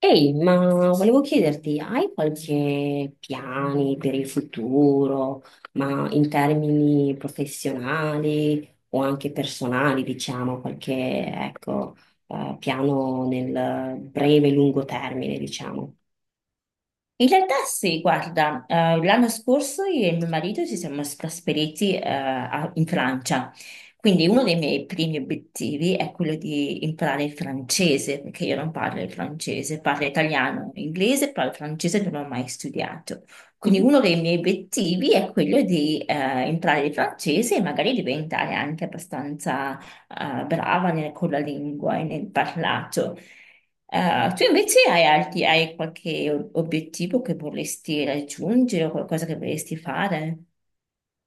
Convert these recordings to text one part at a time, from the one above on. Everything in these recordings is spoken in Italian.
Ehi, ma volevo chiederti, hai qualche piani per il futuro, ma in termini professionali o anche personali, diciamo, qualche, ecco, piano nel breve e lungo termine, diciamo? In realtà sì, guarda, l'anno scorso io e mio marito ci siamo trasferiti in Francia, quindi uno dei miei primi obiettivi è quello di imparare il francese, perché io non parlo il francese, parlo italiano, inglese, parlo francese, non ho mai studiato. Quindi uno dei miei obiettivi è quello di imparare il francese e magari diventare anche abbastanza brava con la lingua e nel parlato. Ah, tu invece hai, hai qualche obiettivo che vorresti raggiungere o qualcosa che vorresti fare?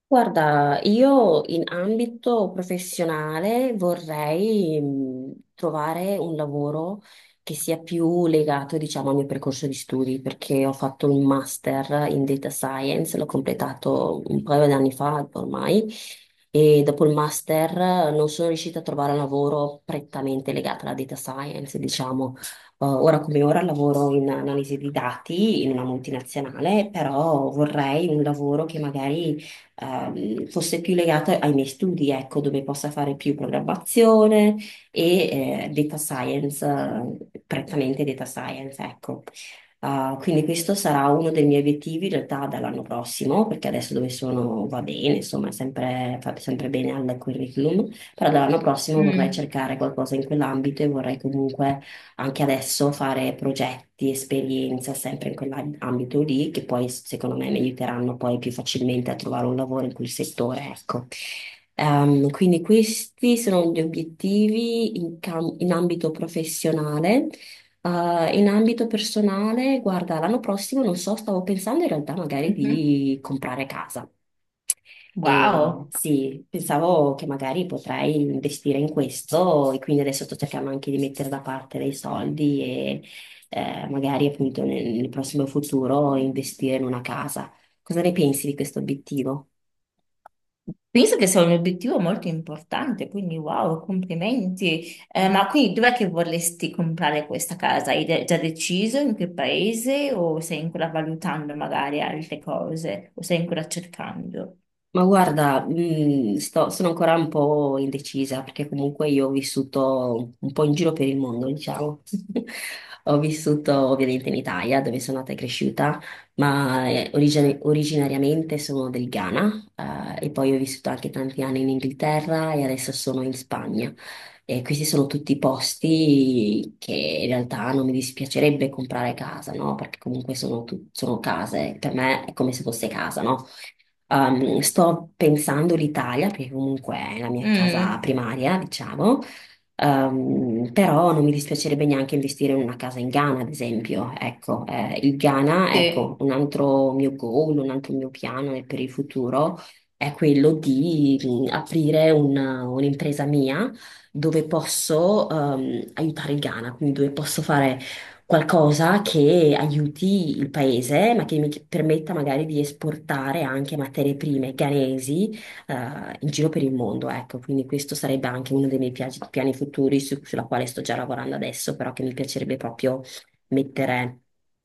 Guarda, io in ambito professionale vorrei trovare un lavoro che sia più legato, diciamo, al mio percorso di studi, perché ho fatto un master in data science, l'ho completato un paio di anni fa ormai, e dopo il master non sono riuscita a trovare un lavoro prettamente legato alla data science, diciamo. Ora come ora lavoro in analisi di dati in una multinazionale, però vorrei un lavoro che magari fosse più legata ai miei studi, ecco, dove possa fare più programmazione e data science, prettamente data science, ecco. Quindi questo sarà uno dei miei obiettivi in realtà dall'anno prossimo, perché adesso dove sono va bene, insomma, è sempre, fa sempre bene al curriculum, però dall'anno prossimo vorrei Mm, cercare qualcosa in quell'ambito e vorrei comunque anche adesso fare progetti, esperienza sempre in quell'ambito lì, che poi secondo me mi aiuteranno poi più facilmente a trovare un lavoro in quel settore, ecco. Quindi questi sono gli obiettivi in, in ambito professionale. In ambito personale, guarda, l'anno prossimo non so, stavo pensando in realtà magari mhm. di comprare casa. E Wow, sì, pensavo che magari potrai investire in questo e quindi adesso sto cercando anche di mettere da parte dei soldi e magari appunto nel prossimo futuro investire in una casa. Cosa ne pensi di questo obiettivo? penso che sia un obiettivo molto importante, quindi wow, complimenti. Ma quindi dov'è che vorresti comprare questa casa? Hai già deciso in che paese o stai ancora valutando magari altre cose o stai ancora cercando? Ma guarda, sono ancora un po' indecisa perché comunque io ho vissuto un po' in giro per il mondo, diciamo. Ho vissuto ovviamente in Italia, dove sono nata e cresciuta, ma originariamente sono del Ghana, e poi ho vissuto anche tanti anni in Inghilterra e adesso sono in Spagna. E questi sono tutti posti che in realtà non mi dispiacerebbe comprare casa, no? Perché comunque sono, sono case, per me è come se fosse casa, no? Sto pensando l'Italia, perché comunque è la mia casa Mm, primaria, diciamo. Però non mi dispiacerebbe neanche investire in una casa in Ghana, ad esempio. Ecco, il Ghana, sì, ecco, un altro mio goal, un altro mio piano è per il futuro è quello di aprire un'impresa mia dove posso aiutare il Ghana, quindi dove posso fare qualcosa che aiuti il paese, ma che mi permetta magari di esportare anche materie prime ghanesi, in giro per il mondo, ecco. Quindi questo sarebbe anche uno dei miei piani futuri sulla quale sto già lavorando adesso, però che mi piacerebbe proprio mettere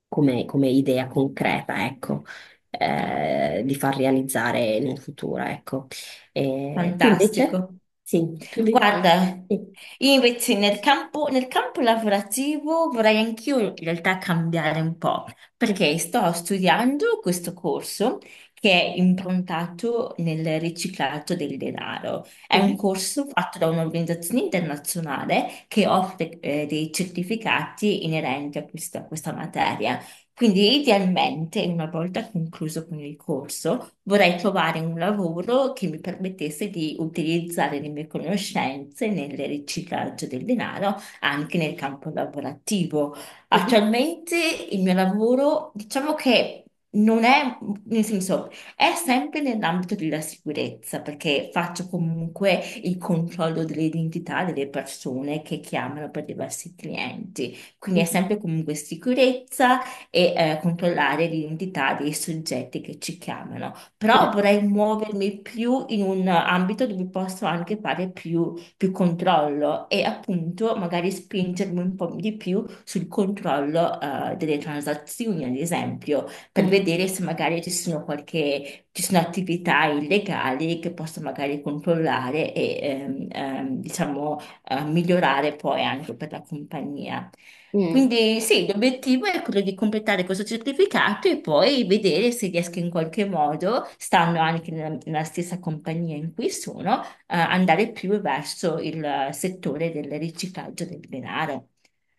come, come idea concreta, ecco. Di far realizzare in un futuro, ecco. Tu invece? fantastico. Sì, tu invece? Guarda, Sì. io invece nel campo lavorativo vorrei anch'io in realtà cambiare un po', perché sto studiando questo corso che è improntato nel riciclaggio del denaro. È un Mhm, corso fatto da un'organizzazione internazionale che offre dei certificati inerenti a a questa materia. Quindi idealmente, una volta concluso con il corso, vorrei trovare un lavoro che mi permettesse di utilizzare le mie conoscenze nel riciclaggio del denaro anche nel campo lavorativo. mhm, Attualmente il mio lavoro, diciamo che non è, nel senso, è sempre nell'ambito della sicurezza, perché faccio comunque il controllo dell'identità delle persone che chiamano per diversi clienti. Quindi è sempre comunque sicurezza e controllare l'identità dei soggetti che ci chiamano. mhm, Però vorrei muovermi più in un ambito dove posso anche fare più controllo e appunto magari spingermi un po' di più sul controllo delle transazioni, ad esempio, per mhm, vedere se magari ci sono attività illegali che posso magari controllare e diciamo migliorare poi anche per la compagnia. mhm. Quindi sì, l'obiettivo è quello di completare questo certificato e poi vedere se riesco in qualche modo, stando anche nella stessa compagnia in cui sono, andare più verso il settore del riciclaggio del denaro.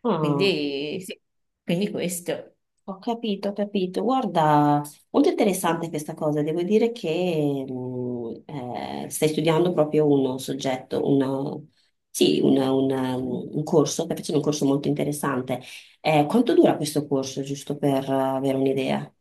Ah, Quindi sì, quindi questo. ho capito, ho capito. Guarda, molto interessante questa cosa. Devo dire che stai studiando proprio un soggetto, sì, un corso, stai facendo un corso molto interessante. Quanto dura questo corso, giusto per avere un'idea?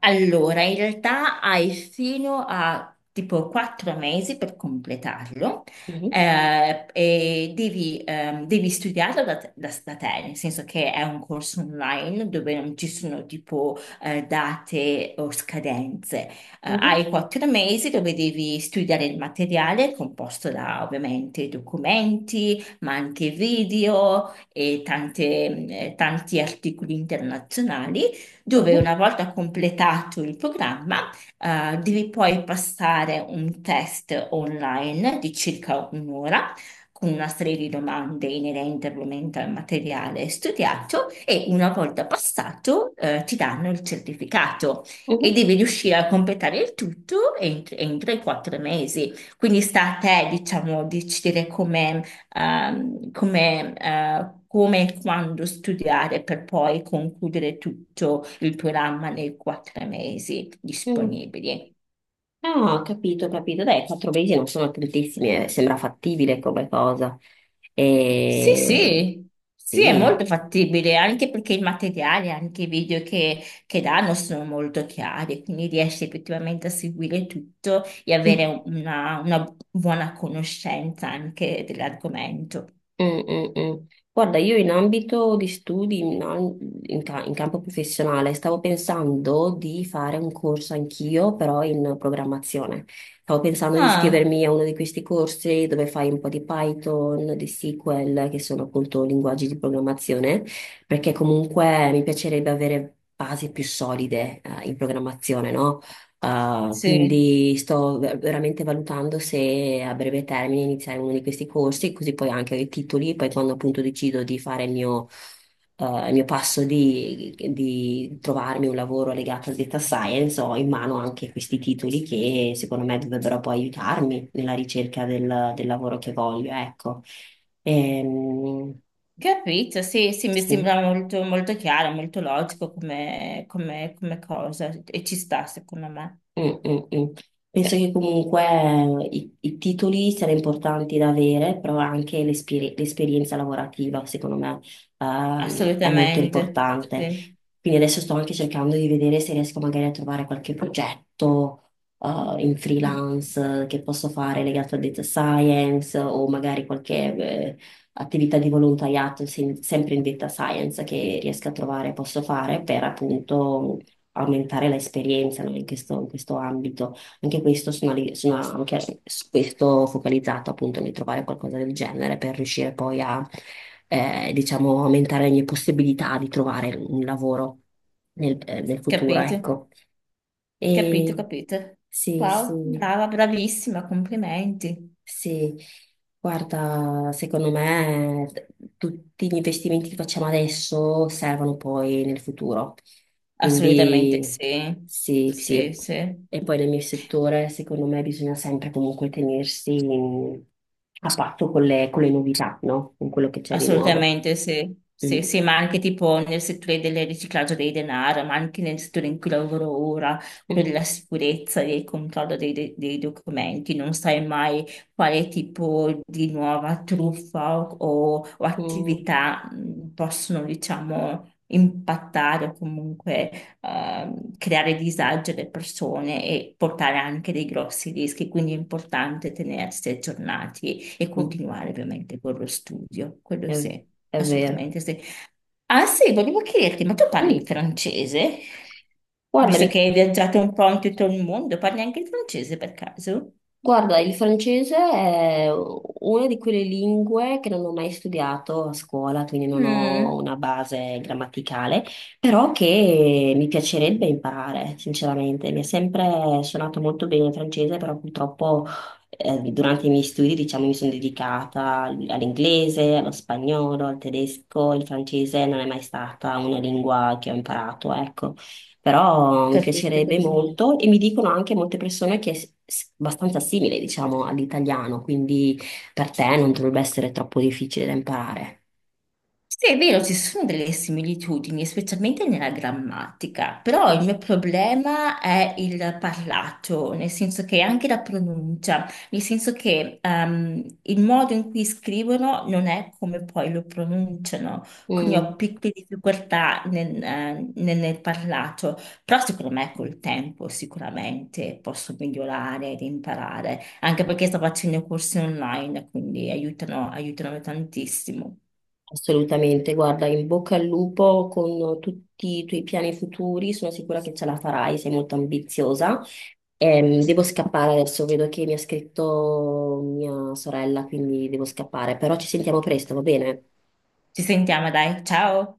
Allora, in realtà hai fino a tipo 4 mesi per completarlo Mhm, e devi, devi studiarlo da te, nel senso che è un corso online dove non ci sono tipo date o scadenze. Mhm, Hai 4 mesi dove devi studiare il materiale composto da ovviamente documenti, ma anche video e tanti articoli internazionali dove mhm, una volta completato il programma, devi poi passare un test online di circa un'ora, con una serie di domande inerente ovviamente al materiale studiato e una volta passato, ti danno il certificato e mhm, devi riuscire a completare il tutto entro i 4 mesi. Quindi sta a te, diciamo, decidere come come e quando studiare per poi concludere tutto il programma nei 4 mesi mhm. disponibili. Ah, ho capito, ho capito. Dai, 4 mesi non sono tantissimi, sembra fattibile come cosa. Sì, E... sì, sì, è Sì. molto fattibile, anche perché i materiali, anche i video che danno sono molto chiari, quindi riesci effettivamente a seguire tutto e avere una buona conoscenza anche dell'argomento. Mm, mm, mm. Guarda, io in ambito di studi, in, in in campo professionale, stavo pensando di fare un corso anch'io, però in programmazione. Stavo pensando di Ah, iscrivermi a uno di questi corsi dove fai un po' di Python, di SQL, che sono appunto linguaggi di programmazione, perché comunque mi piacerebbe avere basi più solide, in programmazione, no? Sì. Quindi sto veramente valutando se a breve termine iniziare uno di questi corsi, così poi anche ho i titoli, poi quando appunto decido di fare il mio passo di trovarmi un lavoro legato al data science, ho in mano anche questi titoli che secondo me dovrebbero poi aiutarmi nella ricerca del, del lavoro che voglio, ecco. Ehm, Capito, sì, sì, mi sì. sembra molto, molto chiaro, molto logico come, come cosa e ci sta secondo me, Mm, mm, mm. Penso che comunque i titoli siano importanti da avere, però anche l'esperienza lavorativa, secondo me, è molto assolutamente, importante. sì. Quindi adesso sto anche cercando di vedere se riesco magari a trovare qualche progetto, in Mm, freelance che posso fare legato al data science o magari qualche, attività di volontariato, sempre in data science che riesco a trovare, posso fare per appunto aumentare l'esperienza, no, in questo ambito. Anche questo sono, sono anche su questo focalizzato appunto nel trovare qualcosa del genere per riuscire poi a, diciamo, aumentare le mie possibilità di trovare un lavoro nel, nel futuro, capito, ecco. capito, E capito, sì, wow, sì. brava, bravissima, complimenti, Sì, guarda, secondo me tutti gli investimenti che facciamo adesso servono poi nel futuro. assolutamente Quindi sì, sì, sì. sì, sì. E poi nel mio settore, secondo me, bisogna sempre comunque tenersi a patto con le novità, no? Con quello che c'è di nuovo. Assolutamente sì. Mm. Sì, sì, ma anche tipo nel settore del riciclaggio dei denaro, ma anche nel settore in cui lavoro ora, quello Mhm. della sicurezza e del controllo dei, dei documenti, non sai mai quale tipo di nuova truffa o Mm. attività possono, diciamo, impattare o comunque creare disagio alle persone e portare anche dei grossi rischi, quindi è importante tenersi aggiornati e Mm. continuare ovviamente con lo studio, quello È, sì, è vero. assolutamente sì. Ah sì, volevo chiederti, ma tu parli il Mm. francese? Visto che Guardami. hai viaggiato un po' in tutto il mondo, parli anche il francese per caso? Guarda, il francese è una di quelle lingue che non ho mai studiato a scuola, quindi non ho Mm, una base grammaticale, però che mi piacerebbe imparare, sinceramente. Mi è sempre suonato molto bene il francese, però purtroppo durante i miei studi, diciamo, mi sono dedicata all'inglese, allo spagnolo, al tedesco, il francese non è mai stata una lingua che ho imparato, ecco, però mi capito, piacerebbe capito. molto e mi dicono anche molte persone che è abbastanza simile, diciamo, all'italiano, quindi per te non dovrebbe essere troppo difficile da imparare. Sì, è vero, ci sono delle similitudini, specialmente nella grammatica, però il Mm. mio problema è il parlato, nel senso che anche la pronuncia, nel senso che il modo in cui scrivono non è come poi lo pronunciano, quindi Mm, ho piccole difficoltà nel, nel parlato, però secondo me col tempo sicuramente posso migliorare ed imparare, anche perché sto facendo corsi online, quindi aiutano tantissimo. assolutamente, guarda, in bocca al lupo con tutti i tuoi piani futuri, sono sicura che ce la farai, sei molto ambiziosa. Devo scappare adesso, vedo che mi ha scritto mia sorella, quindi devo scappare, però ci sentiamo presto, va bene? Ci sentiamo, dai. Ciao.